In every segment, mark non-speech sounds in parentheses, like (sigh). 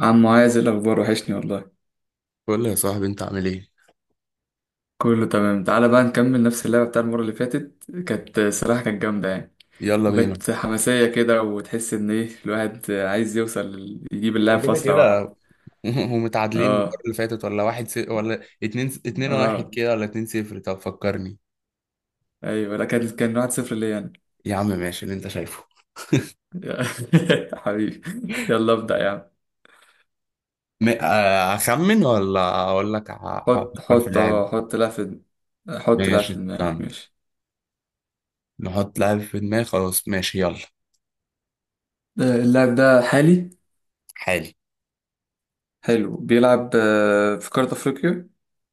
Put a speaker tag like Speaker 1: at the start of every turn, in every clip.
Speaker 1: عم معاذ، إيه الاخبار؟ وحشني والله.
Speaker 2: قول لي يا صاحبي انت عامل ايه.
Speaker 1: كله تمام. تعالى بقى نكمل نفس اللعبه بتاع المره اللي فاتت، كانت صراحه كانت جامده يعني.
Speaker 2: يلا بينا.
Speaker 1: وكانت حماسيه كده، وتحس ان ايه الواحد عايز يجيب اللعب
Speaker 2: احنا
Speaker 1: في
Speaker 2: كده
Speaker 1: اسرع وقت.
Speaker 2: كده. (laughs) ومتعادلين من المره
Speaker 1: اه
Speaker 2: اللي فاتت، ولا واحد ولا اتنين اتنين واحد
Speaker 1: اه
Speaker 2: كده، ولا اتنين صفر؟ طب فكرني.
Speaker 1: ايوه. لا كان 1-0 ليا.
Speaker 2: يا عم ماشي اللي انت شايفه.
Speaker 1: انا (laughs) حبيبي. يلا ابدا يا عم.
Speaker 2: م... آه، اخمن ولا اقول لك
Speaker 1: حط
Speaker 2: افكر في
Speaker 1: حط
Speaker 2: لاعب.
Speaker 1: اه حط لعب في حط لعب
Speaker 2: ماشي
Speaker 1: في دماغك
Speaker 2: استنى.
Speaker 1: ماشي.
Speaker 2: نحط لاعب في دماغي، خلاص ماشي يلا.
Speaker 1: اللاعب ده حالي.
Speaker 2: حالي.
Speaker 1: حلو. بيلعب في قاره افريقيا.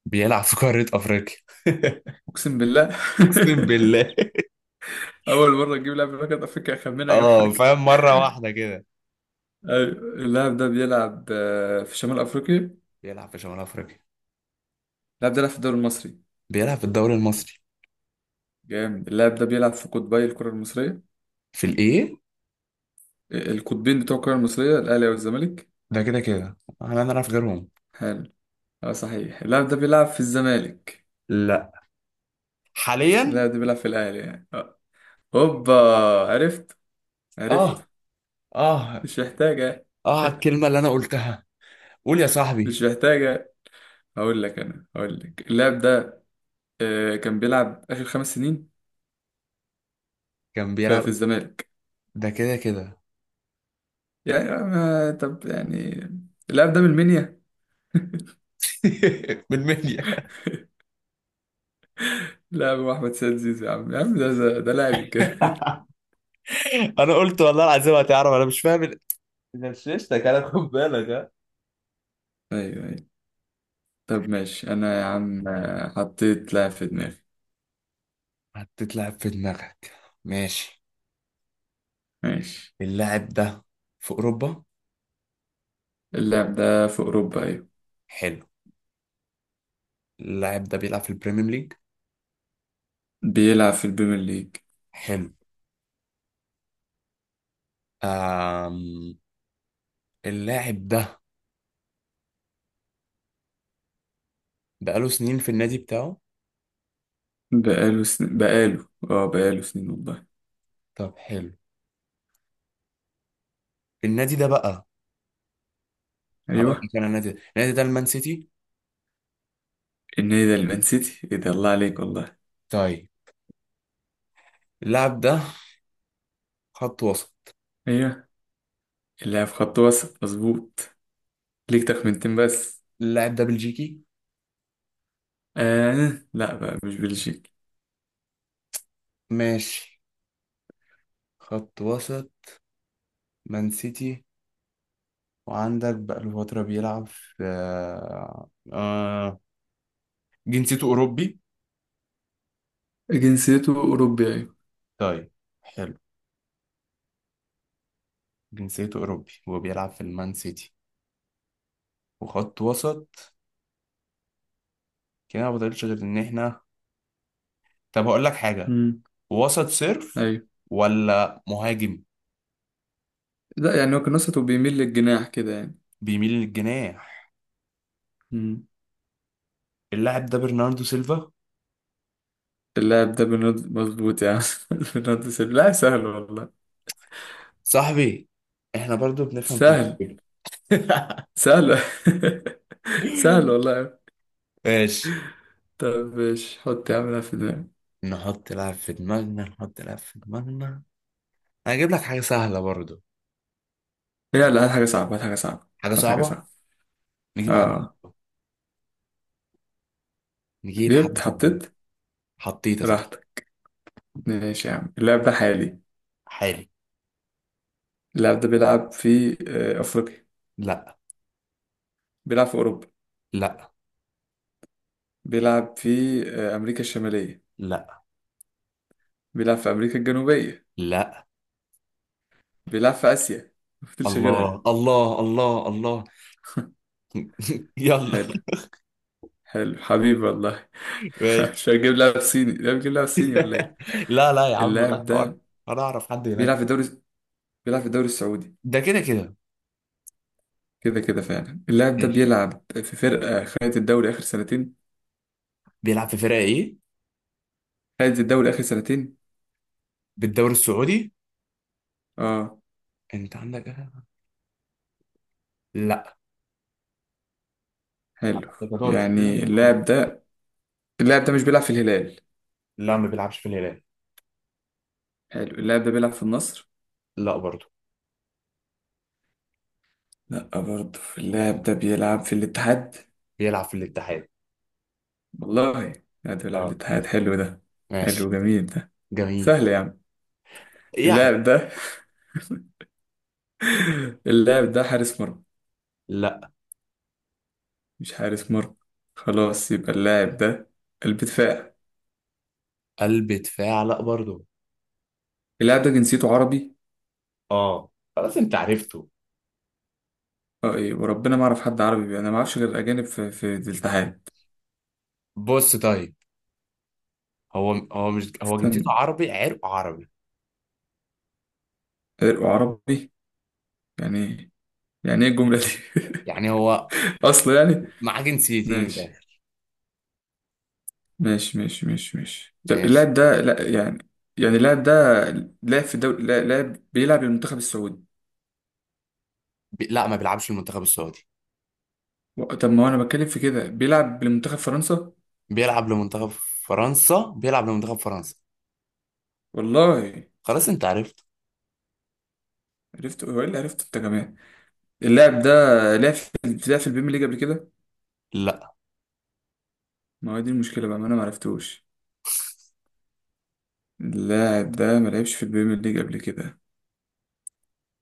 Speaker 2: بيلعب في قاره افريقيا.
Speaker 1: اقسم بالله.
Speaker 2: (laughs) اقسم
Speaker 1: (laughs)
Speaker 2: بالله.
Speaker 1: أول مرة تجيب لاعب من مجنوب أفريقيا. أخمنها جنب
Speaker 2: اه فاهم،
Speaker 1: أفريقيا.
Speaker 2: مره واحده كده.
Speaker 1: أيوة. اللاعب ده بيلعب في شمال أفريقيا.
Speaker 2: بيلعب في شمال افريقيا.
Speaker 1: اللاعب ده بيلعب في الدوري المصري.
Speaker 2: بيلعب في الدوري المصري.
Speaker 1: جامد. اللاعب ده بيلعب في قطبي الكرة المصرية.
Speaker 2: في الايه؟
Speaker 1: القطبين بتوع الكرة المصرية الأهلي والزمالك.
Speaker 2: ده كده كده احنا نعرف غيرهم.
Speaker 1: حلو. صحيح. اللاعب ده بيلعب في الزمالك.
Speaker 2: لا. حاليا.
Speaker 1: اللاعب ده بيلعب في الأهلي يعني. هوبا. عرفت
Speaker 2: اه.
Speaker 1: عرفت.
Speaker 2: اه.
Speaker 1: مش محتاجة.
Speaker 2: اه على الكلمة اللي انا قلتها. قول يا
Speaker 1: مش
Speaker 2: صاحبي.
Speaker 1: محتاجة. هقول لك أنا، هقول لك اللاعب ده كان بيلعب آخر 5 سنين
Speaker 2: كان
Speaker 1: في
Speaker 2: بيلعب.
Speaker 1: في الزمالك.
Speaker 2: ده كده كده.
Speaker 1: يعني ما طب يعني، اللاعب ده من المنيا.
Speaker 2: (laughs) من منيا.
Speaker 1: لاعب هو احمد سيد زيزو يا عم، يا عم ده لاعب كده (laughs)
Speaker 2: (laughs) انا قلت والله العظيم هتعرف، انا مش فاهم غششتك انا، خد بالك ها.
Speaker 1: ايوه ايوه. طب ماشي انا يا عم، حطيت لاعب في دماغي.
Speaker 2: هتتلعب في دماغك، ماشي.
Speaker 1: ماشي.
Speaker 2: اللاعب ده في أوروبا.
Speaker 1: اللاعب ده في اوروبا ايوه.
Speaker 2: حلو. اللاعب ده بيلعب في البريمير ليج.
Speaker 1: بيلعب في البريمير ليج.
Speaker 2: حلو. آم... اللاعب ده بقاله سنين في النادي بتاعه.
Speaker 1: بقاله سن... بقاله اه بقاله سنين والله.
Speaker 2: طب حلو. النادي ده بقى، هقول
Speaker 1: ايوه.
Speaker 2: لك انا. النادي ده المان سيتي.
Speaker 1: النادي ده المان سيتي، ايه ده! الله عليك والله.
Speaker 2: طيب. اللاعب ده خط وسط.
Speaker 1: ايوه. اللاعب خط وسط مظبوط. ليك تخمنتين بس.
Speaker 2: اللاعب ده بلجيكي.
Speaker 1: آه لا بقى، مش بلجيكي.
Speaker 2: ماشي. خط وسط، مان سيتي، وعندك بقاله فترة بيلعب في جنسيته أوروبي.
Speaker 1: جنسيته اوروبي ايوه.
Speaker 2: طيب حلو. جنسيته أوروبي وبيلعب في المان سيتي وخط وسط. كده ما بطلش غير إن إحنا. طب هقول لك حاجة.
Speaker 1: امم
Speaker 2: وسط صرف
Speaker 1: ايوه.
Speaker 2: ولا مهاجم
Speaker 1: لا يعني هو كان وسط وبيميل للجناح كده يعني.
Speaker 2: بيميل للجناح؟
Speaker 1: مم.
Speaker 2: اللاعب ده برناردو سيلفا.
Speaker 1: اللاعب ده بنض مظبوط يعني (laughs) بنض سهل؟ لا سهل والله.
Speaker 2: صاحبي إحنا برضو بنفهم في
Speaker 1: سهل.
Speaker 2: الكورة. (laughs)
Speaker 1: سهل (laughs) سهل والله.
Speaker 2: ماشي.
Speaker 1: طب مش حط يا عم ده في دماغك.
Speaker 2: نحط لعب في دماغنا، نحط لعب في دماغنا. انا هجيب لك حاجة سهلة برضو.
Speaker 1: يلا، هات حاجة صعبة، هات حاجة صعبة،
Speaker 2: حاجة
Speaker 1: هات حاجة
Speaker 2: صعبة.
Speaker 1: صعبة.
Speaker 2: نجيب حاجة
Speaker 1: اه.
Speaker 2: صعبة. نجيب
Speaker 1: جبت
Speaker 2: حاجة صعبة.
Speaker 1: حطيت.
Speaker 2: حطيت يا صاحبي.
Speaker 1: راحتك. ماشي يا عم. اللاعب ده حالي.
Speaker 2: حالي.
Speaker 1: اللاعب ده بيلعب في أفريقيا.
Speaker 2: لا.
Speaker 1: بيلعب في أوروبا.
Speaker 2: لا.
Speaker 1: بيلعب في أمريكا الشمالية.
Speaker 2: لا.
Speaker 1: بيلعب في أمريكا الجنوبية.
Speaker 2: لا.
Speaker 1: بيلعب في آسيا. مفتلش غيرها.
Speaker 2: الله الله الله الله. يلا.
Speaker 1: حلو.
Speaker 2: (laughs)
Speaker 1: حلو حبيبي والله
Speaker 2: ماشي.
Speaker 1: (laughs) مش هجيب لاعب صيني؟ لا، بجيب لاعب صيني ولا ايه.
Speaker 2: (laughs) لا لا يا عم بقى
Speaker 1: اللاعب
Speaker 2: حوار.
Speaker 1: ده
Speaker 2: انا اعرف حد
Speaker 1: بيلعب
Speaker 2: هناك.
Speaker 1: في الدوري بيلعب في الدوري السعودي.
Speaker 2: ده كده كده.
Speaker 1: كده كده فعلا. اللاعب ده
Speaker 2: ماشي.
Speaker 1: بيلعب في فرقة خدت الدوري آخر سنتين.
Speaker 2: بيلعب في فرقة ايه؟
Speaker 1: خدت الدوري آخر سنتين.
Speaker 2: بالدوري السعودي؟
Speaker 1: اه
Speaker 2: انت عندك أهلها؟ لا.
Speaker 1: حلو.
Speaker 2: أعتقد هتقعد في الهلال؟
Speaker 1: يعني
Speaker 2: من هنا.
Speaker 1: اللاعب ده مش بيلعب في الهلال.
Speaker 2: لا ما بيلعبش في الهلال.
Speaker 1: حلو. اللاعب ده بيلعب في النصر.
Speaker 2: لا برضه.
Speaker 1: لا برضه. اللاعب ده بيلعب في الاتحاد
Speaker 2: بيلعب في الاتحاد.
Speaker 1: والله. اللاعب ده بيلعب في
Speaker 2: اه.
Speaker 1: الاتحاد حلو ده. حلو
Speaker 2: ماشي.
Speaker 1: جميل ده.
Speaker 2: جميل.
Speaker 1: سهل يا عم.
Speaker 2: يعني.
Speaker 1: اللاعب ده (laughs) اللاعب ده حارس مرمى.
Speaker 2: لا.
Speaker 1: مش حارس مرمى. خلاص يبقى اللاعب ده قلب دفاع.
Speaker 2: قلب دفاع لا برضه.
Speaker 1: اللاعب ده جنسيته عربي.
Speaker 2: اه خلاص انت عرفته.
Speaker 1: اه ايه وربنا ما اعرف حد عربي، انا ما اعرفش غير اجانب في الاتحاد.
Speaker 2: بص طيب. هو هو مش هو
Speaker 1: استنى.
Speaker 2: جنسيته عربي، عرق عربي.
Speaker 1: عرقه عربي، يعني ايه؟ يعني ايه الجمله دي؟
Speaker 2: يعني هو
Speaker 1: (laughs) اصلا يعني.
Speaker 2: معاه جنسيتين من
Speaker 1: ماشي
Speaker 2: الاخر.
Speaker 1: ماشي ماشي ماشي ماشي طب.
Speaker 2: ماشي.
Speaker 1: اللاعب ده لا يعني، يعني اللاعب ده لاعب في الدوري لا- لاعب بيلعب للمنتخب السعودي.
Speaker 2: لا ما بيلعبش المنتخب السعودي.
Speaker 1: طب ما هو انا بتكلم في كده بيلعب لمنتخب فرنسا.
Speaker 2: بيلعب لمنتخب فرنسا. بيلعب لمنتخب فرنسا.
Speaker 1: والله.
Speaker 2: خلاص انت عرفت.
Speaker 1: عرفت. هو ايه اللي عرفته انت كمان؟ اللاعب ده لعب في لعب في البيم ليج قبل كده.
Speaker 2: لا.
Speaker 1: ما هو دي المشكله بقى، ما انا ما عرفتوش. اللاعب ده ما لعبش في البيم ليج قبل كده.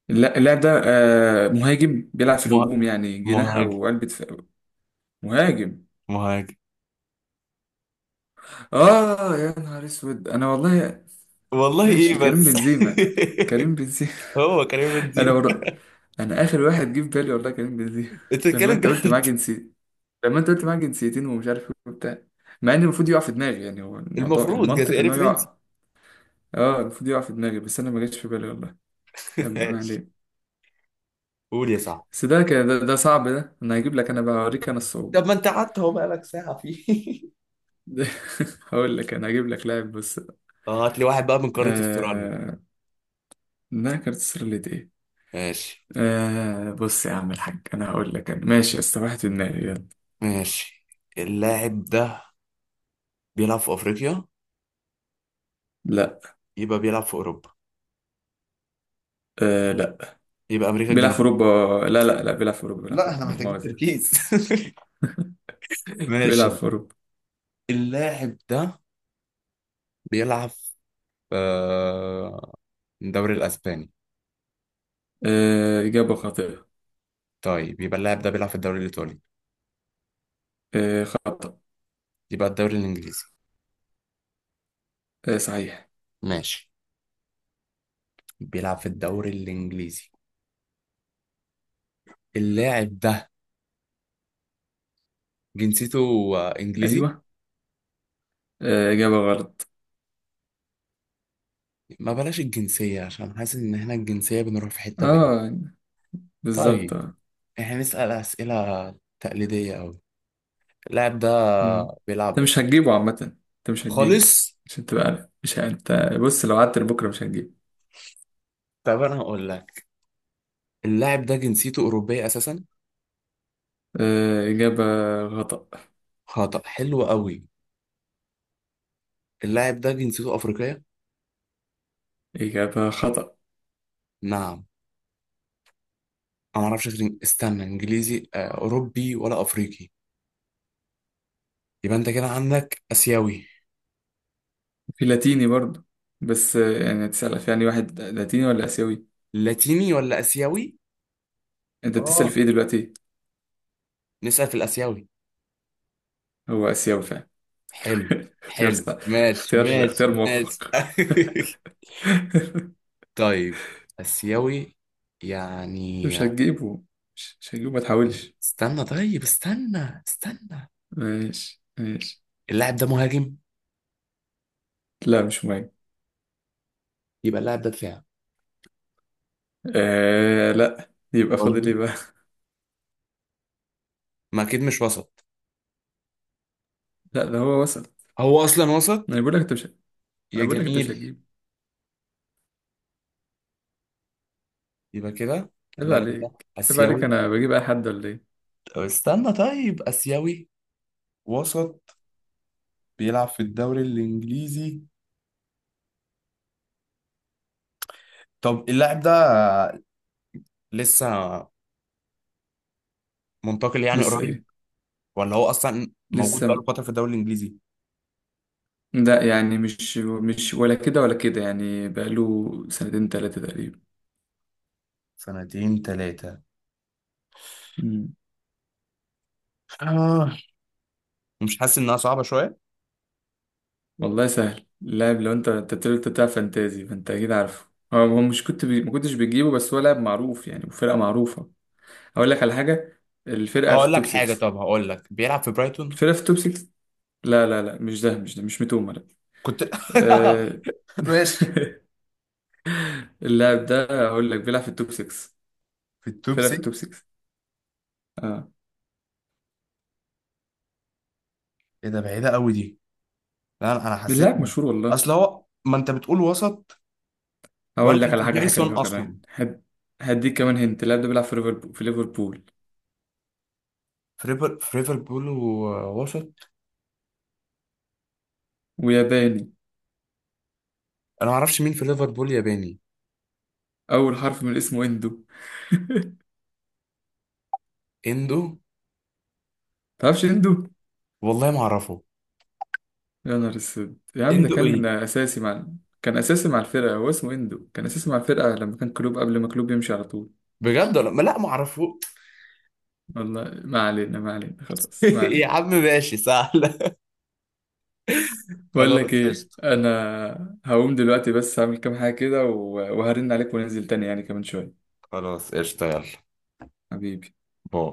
Speaker 1: اللاعب ده مهاجم، بيلعب في
Speaker 2: مه...
Speaker 1: الهجوم يعني، جناح
Speaker 2: مهاجم.
Speaker 1: او قلب دفاع. مهاجم.
Speaker 2: مهاجم.
Speaker 1: اه يا نهار اسود انا والله.
Speaker 2: والله ايه
Speaker 1: ماشي. كريم
Speaker 2: بس.
Speaker 1: بنزيما. كريم بنزيما
Speaker 2: (laughs) هو كريم
Speaker 1: (laughs) انا
Speaker 2: بنزيما؟
Speaker 1: ور... انا اخر واحد جه في بالي والله كريم بنزيما
Speaker 2: انت
Speaker 1: (laughs) لما
Speaker 2: بتتكلم
Speaker 1: انت قلت معاه
Speaker 2: جد؟
Speaker 1: جنسي لما انت قلت معاه جنسيتين ومش عارف ايه وبتاع، مع ان المفروض يقع في دماغي يعني. هو الموضوع
Speaker 2: المفروض
Speaker 1: المنطق
Speaker 2: جزائري
Speaker 1: ان هو
Speaker 2: فرنسي.
Speaker 1: يقع. اه المفروض يقع في دماغي، بس انا ما جاتش في بالي والله.
Speaker 2: (laughs)
Speaker 1: يلا ما
Speaker 2: ماشي.
Speaker 1: عليه.
Speaker 2: قول يا صاحبي.
Speaker 1: بس ده كان ده صعب ده، انا هجيب لك انا بقى اوريك انا الصعوبة
Speaker 2: طب ما انت قعدت اهو بقالك ساعة فيه.
Speaker 1: (laughs) هقول لك انا، هجيب لك لاعب، بص.
Speaker 2: (laughs) اه هات لي واحد بقى من قارة استراليا.
Speaker 1: آه انها كانت سرلت ايه.
Speaker 2: ماشي.
Speaker 1: بص يا عم الحاج، انا هقول لك انا. ماشي يا اسطى، واحد في دماغي يلا.
Speaker 2: ماشي. اللاعب ده بيلعب في افريقيا؟
Speaker 1: لا.
Speaker 2: يبقى بيلعب في اوروبا؟
Speaker 1: لا،
Speaker 2: يبقى امريكا
Speaker 1: بيلعب في
Speaker 2: الجنوبية؟
Speaker 1: اوروبا. لا لا لا، بيلعب في اوروبا، بيلعب في
Speaker 2: لا احنا
Speaker 1: اوروبا لا
Speaker 2: محتاجين
Speaker 1: مؤاخذة.
Speaker 2: تركيز. (laughs)
Speaker 1: (laughs) بيلعب
Speaker 2: ماشي.
Speaker 1: في اوروبا.
Speaker 2: اللاعب ده بيلعب في آه، الدوري الاسباني.
Speaker 1: اجابة خاطئة.
Speaker 2: طيب يبقى اللاعب ده بيلعب في الدوري الايطالي.
Speaker 1: خطأ.
Speaker 2: يبقى الدوري الانجليزي.
Speaker 1: صحيح.
Speaker 2: ماشي. بيلعب في الدوري الانجليزي. اللاعب ده جنسيته انجليزي.
Speaker 1: ايوه. اجابة غلط.
Speaker 2: ما بلاش الجنسية، عشان حاسس إن إحنا الجنسية بنروح في حتة بعيد.
Speaker 1: اه بالظبط.
Speaker 2: طيب. إحنا نسأل أسئلة تقليدية أوي. اللاعب ده
Speaker 1: مم.
Speaker 2: بيلعب.
Speaker 1: انت مش هتجيبه عامة، انت مش هتجيبه،
Speaker 2: خالص.
Speaker 1: عشان تبقى عارف مش ه- انت بص، لو قعدت لبكرة مش هتجيبه.
Speaker 2: طب أنا هقول لك، اللاعب ده جنسيته أوروبية أساسا.
Speaker 1: إجابة خطأ.
Speaker 2: خطأ. حلو أوي. اللاعب ده جنسيته أفريقية.
Speaker 1: إجابة خطأ.
Speaker 2: نعم. أنا معرفش غير استنى. إنجليزي، أوروبي ولا أفريقي؟ يبقى أنت كده عندك آسيوي،
Speaker 1: في لاتيني برضو. بس يعني تسأل في يعني واحد لاتيني ولا آسيوي.
Speaker 2: لاتيني ولا آسيوي.
Speaker 1: انت بتسأل
Speaker 2: آه.
Speaker 1: في ايه دلوقتي؟
Speaker 2: نسأل في الآسيوي.
Speaker 1: هو آسيوي فعلا
Speaker 2: حلو.
Speaker 1: (laughs) اختيار
Speaker 2: حلو
Speaker 1: صح.
Speaker 2: ماشي
Speaker 1: اختيار
Speaker 2: ماشي
Speaker 1: اختيار
Speaker 2: ماشي.
Speaker 1: موفق
Speaker 2: (laughs)
Speaker 1: (laughs)
Speaker 2: طيب. آسيوي. يعني.
Speaker 1: مش هتجيبه. مش هتجيبه، ما تحاولش.
Speaker 2: استنى طيب، استنى استنى.
Speaker 1: ماشي ماشي.
Speaker 2: اللاعب ده مهاجم.
Speaker 1: لا مش مهم.
Speaker 2: يبقى اللاعب ده دفاع.
Speaker 1: لا، يبقى فاضل
Speaker 2: برضه؟
Speaker 1: ايه بقى؟
Speaker 2: ما أكيد مش وسط.
Speaker 1: (laughs) لا ده هو وصل.
Speaker 2: هو أصلا وسط؟
Speaker 1: انا بقول لك انت مش
Speaker 2: يا
Speaker 1: انا بقول لك انت مش
Speaker 2: جميل.
Speaker 1: هتجيب.
Speaker 2: يبقى كده
Speaker 1: عيب
Speaker 2: اللاعب ده
Speaker 1: عليك عيب عليك.
Speaker 2: آسيوي.
Speaker 1: انا بجيب اي حد ولا ايه؟
Speaker 2: طب استنى. طيب آسيوي، وسط، بيلعب في الدوري الإنجليزي. طب اللاعب ده لسه منتقل يعني
Speaker 1: لسه
Speaker 2: قريب،
Speaker 1: ايه؟
Speaker 2: ولا هو أصلا موجود
Speaker 1: لسه
Speaker 2: بقاله
Speaker 1: م...
Speaker 2: فترة في الدوري الإنجليزي؟
Speaker 1: لا يعني مش ولا كده ولا كده يعني، بقاله سنتين ثلاثة تقريبا.
Speaker 2: سنتين ثلاثة.
Speaker 1: مم.
Speaker 2: آه. مش حاسس إنها صعبة شوية؟
Speaker 1: والله سهل اللاعب، لو انت بتقول انت بتلعب فانتازي فانت اكيد عارفه. هو مش ما كنتش بتجيبه، بس هو لاعب معروف يعني وفرقة معروفة. اقول لك على حاجة. الفرقة في
Speaker 2: هقول
Speaker 1: التوب
Speaker 2: لك حاجة،
Speaker 1: 6.
Speaker 2: طب هقول لك، بيلعب في برايتون.
Speaker 1: الفرقة في التوب 6. لا لا لا مش ده، مش ده، مش متومة لا.
Speaker 2: كنت.
Speaker 1: أه...
Speaker 2: (laughs) ماشي.
Speaker 1: (laughs) اللاعب ده هقول لك بيلعب في التوب 6.
Speaker 2: في التوب
Speaker 1: فرقة في التوب
Speaker 2: 6؟
Speaker 1: 6.
Speaker 2: ايه ده، بعيدة قوي دي. لا انا حسيت.
Speaker 1: اللاعب مشهور والله.
Speaker 2: اصل هو، ما انت بتقول وسط، وانا
Speaker 1: هقول لك
Speaker 2: كنت
Speaker 1: على
Speaker 2: في
Speaker 1: حاجة
Speaker 2: دماغي سون
Speaker 1: حلوة كمان
Speaker 2: اصلا.
Speaker 1: هد... هديك كمان، هنت اللاعب ده بيلعب في ليفربول
Speaker 2: في ريفر، في ليفربول ووسط.
Speaker 1: وياباني.
Speaker 2: انا ما اعرفش مين في ليفربول ياباني.
Speaker 1: أول حرف من اسمه إندو.
Speaker 2: اندو.
Speaker 1: تعرفش إندو؟
Speaker 2: والله ما اعرفه.
Speaker 1: يا نهار أسود يا عم، ده
Speaker 2: اندو
Speaker 1: كان
Speaker 2: ايه؟
Speaker 1: أساسي مع. كان أساسي مع الفرقة، هو اسمه إندو، كان أساسي مع الفرقة لما كان كلوب، قبل ما كلوب يمشي على طول.
Speaker 2: بجد ولا ما، لا ما اعرفه.
Speaker 1: والله ما علينا، ما علينا، خلاص ما
Speaker 2: (laughs) يا
Speaker 1: علينا.
Speaker 2: عم ماشي سهل. (laughs)
Speaker 1: بقول
Speaker 2: خلاص
Speaker 1: لك إيه،
Speaker 2: قشطة.
Speaker 1: أنا هقوم دلوقتي، بس هعمل كام حاجة كده و... وهرن عليك وننزل تاني يعني كمان شوية.
Speaker 2: خلاص قشطة. يلا.
Speaker 1: حبيبي.
Speaker 2: باي.